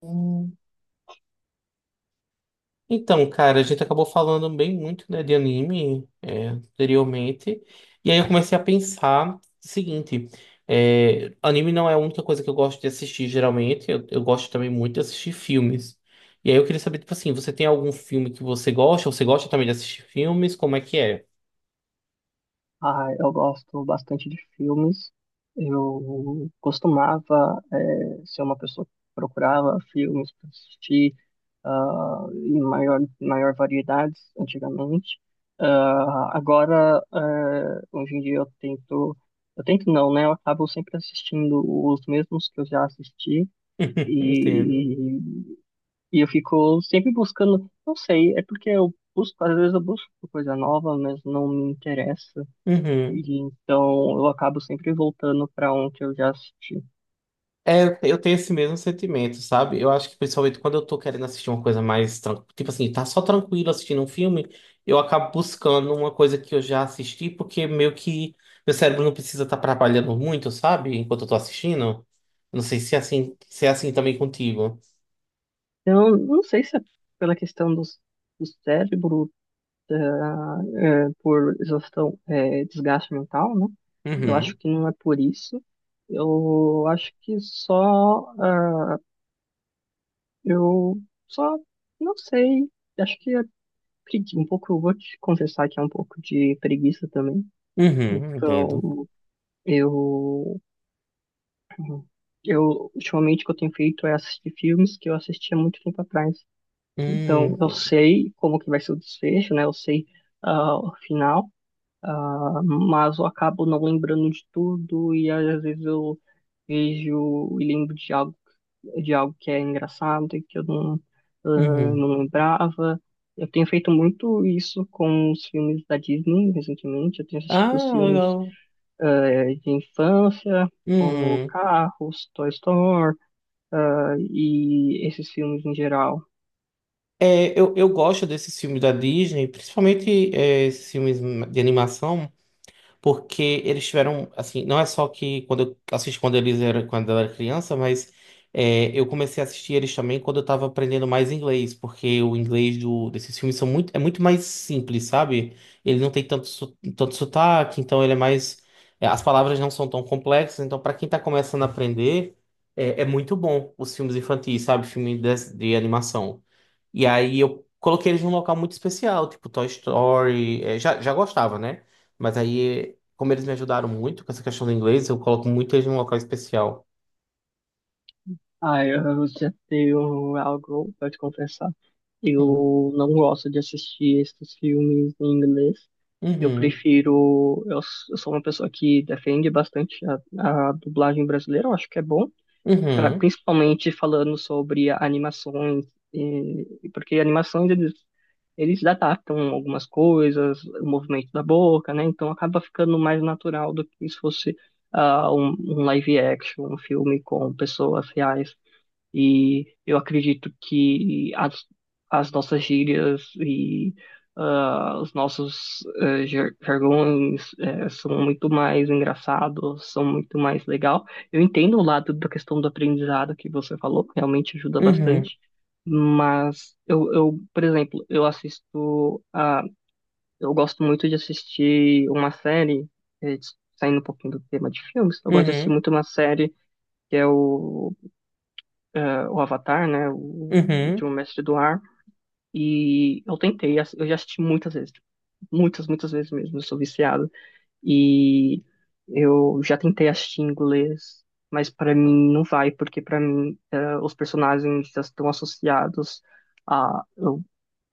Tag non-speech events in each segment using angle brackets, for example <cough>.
Hum, Então, cara, a gente acabou falando bem muito, né, de anime, anteriormente, e aí eu comecei a pensar o seguinte, anime não é a única coisa que eu gosto de assistir. Geralmente, eu gosto também muito de assistir filmes, e aí eu queria saber, tipo assim, você tem algum filme que você gosta? Você gosta também de assistir filmes, como é que é? Ah, eu gosto bastante de filmes. Eu costumava, ser uma pessoa que procurava filmes para assistir, em maior variedades antigamente. Agora, hoje em dia eu tento não, né? Eu acabo sempre assistindo os mesmos que eu já assisti <laughs> Entendo. e, e eu fico sempre buscando, não sei, é porque eu busco, às vezes eu busco coisa nova, mas não me interessa. Uhum. E então eu acabo sempre voltando para um que eu já assisti. É, eu tenho esse mesmo sentimento, sabe? Eu acho que principalmente quando eu tô querendo assistir uma coisa mais, tipo assim, tá só tranquilo assistindo um filme, eu acabo buscando uma coisa que eu já assisti, porque meio que meu cérebro não precisa estar trabalhando muito, sabe? Enquanto eu tô assistindo. Não sei se é assim, se é assim também contigo. Eu não sei se é pela questão do cérebro, é, por exaustão, é, desgaste mental, né? Eu acho Uhum. que não é por isso. Eu acho que só, eu só, não sei. Acho que é um pouco, eu vou te confessar que é um pouco de preguiça também. Uhum, entendo. Então, eu eu, ultimamente, o que eu tenho feito é assistir filmes que eu assistia muito tempo atrás. Então, eu Entendo. sei como que vai ser o desfecho, né? Eu sei o final, ah, mas eu acabo não lembrando de tudo e às vezes eu vejo e lembro de algo que é engraçado e que eu não, ah, Uhum. não lembrava. Eu tenho feito muito isso com os filmes da Disney recentemente. Eu tenho assistido os Ah, filmes legal. De infância, como Uhum. Carros, Toy Story, ah, e esses filmes em geral. É, eu gosto desses filmes da Disney, principalmente esses filmes de animação, porque eles tiveram, assim, não é só que quando eu assisti quando eles eram, quando eu era criança, mas é, eu comecei a assistir eles também quando eu tava aprendendo mais inglês, porque o inglês do, desses filmes são muito, é muito mais simples, sabe? Ele não tem tanto, tanto sotaque, então ele é mais, é, as palavras não são tão complexas, então para quem tá começando a aprender, é, é muito bom os filmes infantis, sabe? Filme de animação. E aí eu coloquei eles num local muito especial, tipo Toy Story, é, já gostava, né? Mas aí como eles me ajudaram muito com essa questão do inglês, eu coloco muito eles num local especial. Ah, eu já tenho algo para te confessar. Hum. Eu não gosto de assistir esses filmes em inglês. Eu Uhum. prefiro. Eu sou uma pessoa que defende bastante a dublagem brasileira, eu acho que é bom. Uhum. Principalmente falando sobre animações, e- porque animações eles, eles adaptam algumas coisas, o movimento da boca, né? Então acaba ficando mais natural do que se fosse um, um live action, um filme com pessoas reais. E eu acredito que as nossas gírias e ah, os nossos jargões são muito mais engraçados, são muito mais legal. Eu entendo o lado da questão do aprendizado que você falou, realmente ajuda Uhum. bastante. Mas eu, por exemplo, eu assisto a, eu gosto muito de assistir uma série, eh, saindo um pouquinho do tema de filmes, eu gosto de assistir Uhum. muito uma série que é o o Avatar, né? O Uhum. Último Mestre do Ar. E eu tentei, eu já assisti muitas vezes. Tipo, muitas, muitas vezes mesmo. Eu sou viciado. E eu já tentei assistir em inglês, mas para mim não vai, porque para mim os personagens já estão associados a, ao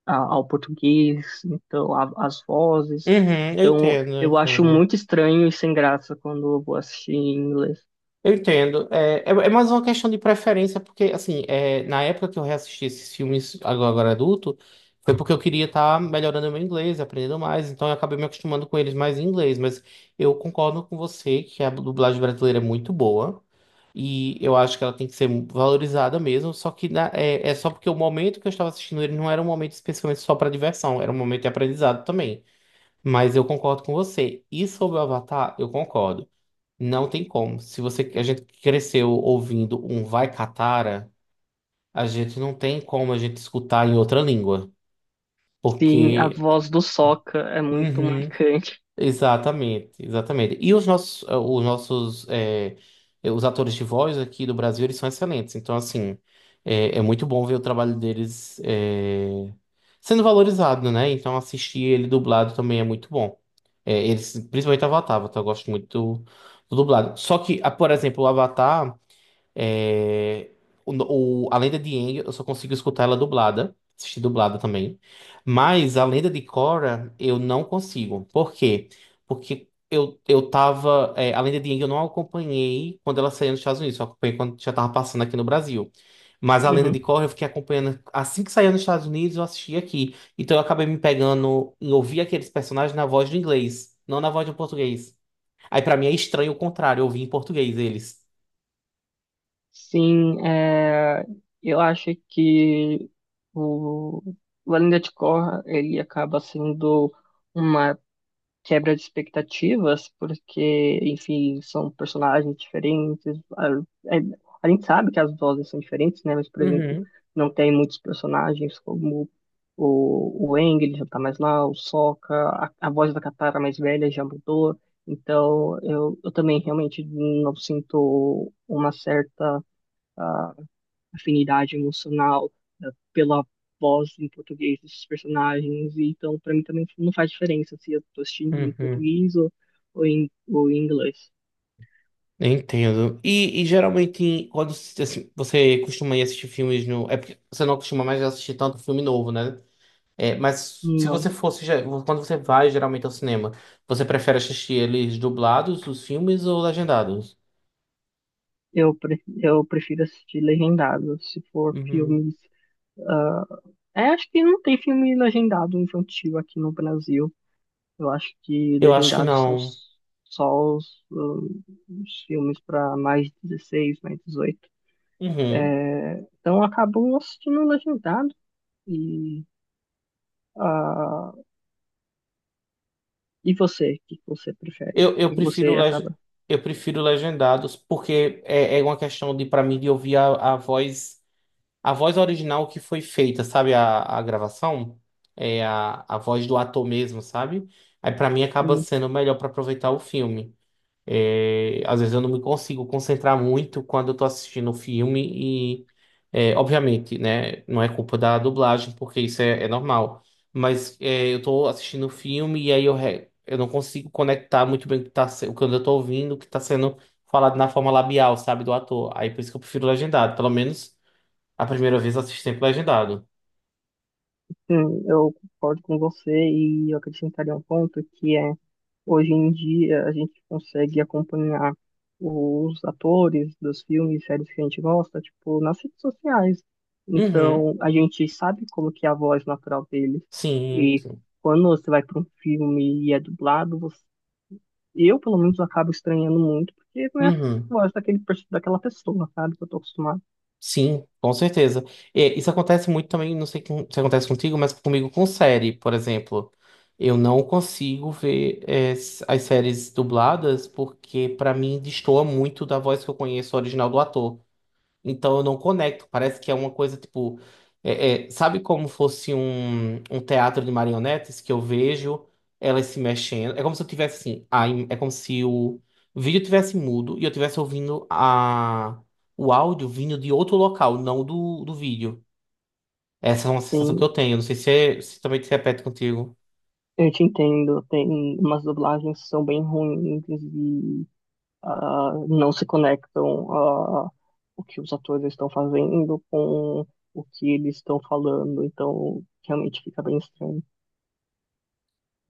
ao português, então as vozes. Uhum. Eu Então entendo, eu eu acho entendo. muito estranho e sem graça quando eu vou assistir em inglês. Eu entendo. É, é, é mais uma questão de preferência, porque, assim, é, na época que eu reassisti esses filmes agora, agora adulto, foi porque eu queria estar melhorando o meu inglês, aprendendo mais, então eu acabei me acostumando com eles mais em inglês. Mas eu concordo com você que a dublagem brasileira é muito boa. E eu acho que ela tem que ser valorizada mesmo, só que é, é só porque o momento que eu estava assistindo ele não era um momento especificamente só para diversão, era um momento de aprendizado também. Mas eu concordo com você. E sobre o Avatar, eu concordo. Não tem como. Se você, a gente cresceu ouvindo um Vai Catara, a gente não tem como a gente escutar em outra língua. Sim, a Porque. voz do Sokka é muito Uhum. marcante. Exatamente, exatamente. E os nossos, os nossos, é, os atores de voz aqui do Brasil, eles são excelentes. Então, assim, é, é muito bom ver o trabalho deles, é, sendo valorizado, né? Então, assistir ele dublado também é muito bom. É, eles, principalmente Avatar, Avatar, eu gosto muito do, do dublado. Só que, ah, por exemplo, o Avatar. É, o, a Lenda de Aang, eu só consigo escutar ela dublada, assistir dublada também. Mas a Lenda de Korra, eu não consigo. Por quê? Porque eu tava. É, a Lenda de Aang eu não acompanhei quando ela saiu nos Estados Unidos, só acompanhei quando já tava passando aqui no Brasil. Mas a Lenda de Uhum. Korra eu fiquei acompanhando assim que saiu nos Estados Unidos, eu assisti aqui. Então eu acabei me pegando em ouvir aqueles personagens na voz do inglês, não na voz do português. Aí pra mim é estranho o contrário, eu ouvi em português eles. Sim, é, eu acho que o, o Além Corra, ele acaba sendo uma quebra de expectativas, porque, enfim, são personagens diferentes. A, é- a gente sabe que as vozes são diferentes, né? Mas, por exemplo, Uhum, não tem muitos personagens como o Aang, ele já tá mais lá, o Sokka, a voz da Katara mais velha já mudou. Então, eu também realmente não sinto uma certa afinidade emocional eh, pela voz em português desses personagens. E então, para mim também não faz diferença se eu tô assistindo em uhum. português ou em inglês. Entendo. E geralmente, quando assim, você costuma ir assistir filmes no. É porque você não costuma mais assistir tanto filme novo, né? É, mas se Não. você fosse. Quando você vai geralmente ao cinema, você prefere assistir eles dublados, os filmes, ou legendados? Eu prefiro assistir legendado, se for Uhum. filmes. Ah, é, acho que não tem filme legendado infantil aqui no Brasil. Eu acho que Eu acho que legendados são não. Só os filmes para mais de 16, mais 18. Uhum. É, então eu acabo assistindo legendado e ah, e você, o que que você prefere? O Eu que que prefiro você leg... acaba? eu prefiro legendados, porque é, é uma questão de, para mim, de ouvir a voz. A voz original que foi feita, sabe? A gravação é a voz do ator mesmo, sabe? Aí pra mim acaba Hum, sendo melhor pra aproveitar o filme. É, às vezes eu não me consigo concentrar muito quando eu tô assistindo o filme e, é, obviamente, né? Não é culpa da dublagem, porque isso é, é normal. Mas é, eu tô assistindo o filme e aí eu, eu não consigo conectar muito bem o que, tá, o que eu tô ouvindo, o que tá sendo falado na forma labial, sabe? Do ator. Aí por isso que eu prefiro legendado, pelo menos. A primeira vez assisti sempre legendado. Eu concordo com você e eu acrescentaria um ponto que é, hoje em dia a gente consegue acompanhar os atores dos filmes e séries que a gente gosta, tipo, nas redes sociais. Uhum. Então, a gente sabe como que é a voz natural deles. Sim, E sim. quando você vai para um filme e é dublado, eu, pelo menos, acabo estranhando muito, porque não é a Uhum. voz daquela pessoa, sabe, que eu tô acostumado. Sim, com certeza. E isso acontece muito também, não sei se acontece contigo, mas comigo com série, por exemplo. Eu não consigo ver as séries dubladas porque, pra mim, destoa muito da voz que eu conheço original do ator. Então eu não conecto. Parece que é uma coisa tipo. É, sabe como fosse um, um teatro de marionetes que eu vejo elas se mexendo? É como se eu tivesse assim. A, é como se o vídeo tivesse mudo e eu tivesse ouvindo a, o áudio vindo de outro local, não do, do vídeo. Essa é uma sensação que eu Sim. tenho. Não sei se, se também se repete contigo. Eu te entendo, tem umas dublagens que são bem ruins e ah, não se conectam a o que os atores estão fazendo com o que eles estão falando, então realmente fica bem estranho.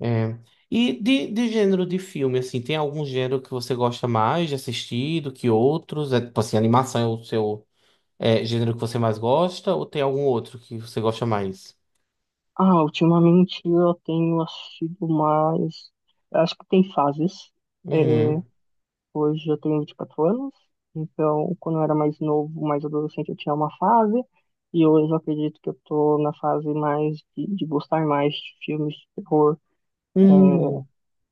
É. E de gênero de filme, assim, tem algum gênero que você gosta mais de assistir do que outros? É, tipo assim, animação é o seu. É gênero que você mais gosta ou tem algum outro que você gosta mais? Ah, ultimamente eu tenho assistido mais. Eu acho que tem fases. é, Uhum. Hoje eu tenho 24 anos, então quando eu era mais novo, mais adolescente, eu tinha uma fase, e hoje eu acredito que eu tô na fase mais de gostar mais de filmes de terror. Uhum.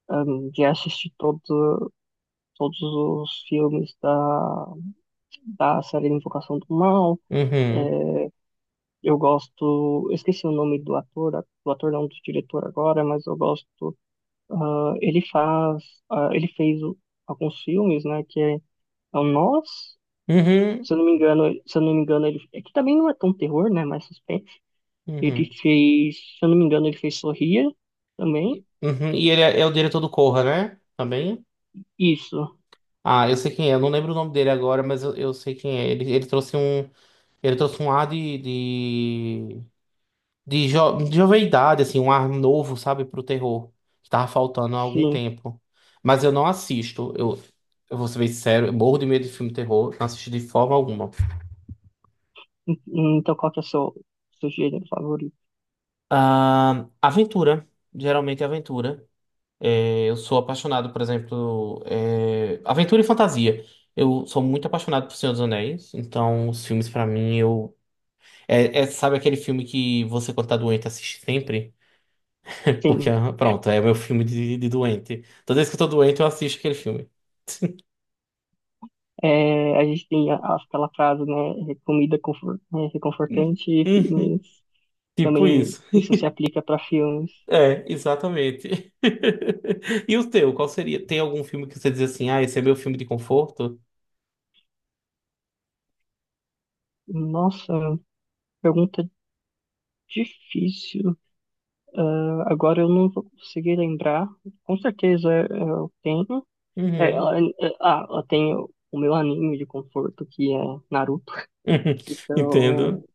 Já assisti todos os filmes da, da série Invocação do Mal. Uhum. É, eu gosto, eu esqueci o nome do ator não, do diretor agora, mas eu gosto. ah, ele faz, ah, ele fez alguns filmes, né? Que é, é o Nós, Uhum. se eu não me engano, se eu não me engano, ele é que também não é tão terror, né? Mais suspense. Ele Uhum. fez, se eu não me engano, ele fez Sorria também. E uhum. E ele é, é o diretor do Corra, né? Também. Isso, Ah, eu sei quem é. Eu não lembro o nome dele agora, mas eu sei quem é. Ele, ele trouxe um ar de, de jovialidade, assim, um ar novo, sabe, pro terror, que tava faltando há algum sim. tempo. Mas eu não assisto. Eu vou ser bem sincero, eu morro de medo de filme de terror, não assisto de forma alguma. Então, qual que é o seu, seu gênero favorito? Ah, aventura. Geralmente é aventura. É, eu sou apaixonado, por exemplo, é, aventura e fantasia. Eu sou muito apaixonado por Senhor dos Anéis, então os filmes pra mim eu é, é, sabe aquele filme que você quando tá doente assiste sempre? <laughs> Porque Sim. ah, pronto, é meu filme de doente. Toda vez que eu tô doente eu assisto aquele filme. É, a gente tem aquela frase, né? "É comida confort, é, Hum, reconfortante e uhum, filmes." tipo Também isso. <laughs> isso se aplica para filmes. É, exatamente. <laughs> E o teu, qual seria? Tem algum filme que você diz assim, ah, esse é meu filme de conforto? Nossa, pergunta difícil. Ah, agora eu não vou conseguir lembrar. Com certeza eu tenho. Uhum. Eu tenho o meu anime de conforto, que é Naruto. <laughs> Entendo. Então,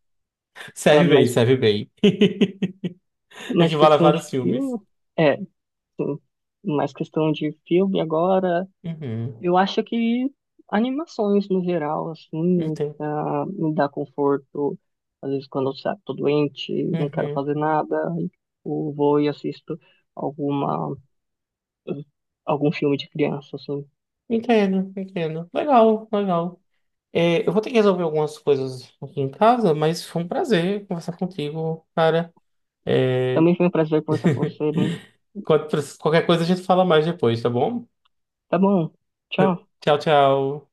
ah, Serve bem, mas serve bem. <laughs> mais Equivale a questão de vários filmes. filme. É, sim. Mais questão de filme agora. Uhum. Eu acho que animações no geral, assim, Entendo. Me dá conforto. Às vezes quando eu tô doente, não quero Uhum. fazer nada, aí eu vou e assisto alguma, algum filme de criança, assim. Entendo, entendo. Legal, legal. É, eu vou ter que resolver algumas coisas aqui em casa, mas foi um prazer conversar contigo, cara. É, Também foi um prazer conversar com você. qual- qualquer coisa a gente fala mais depois, tá bom? Tá bom, tchau. Tchau, tchau.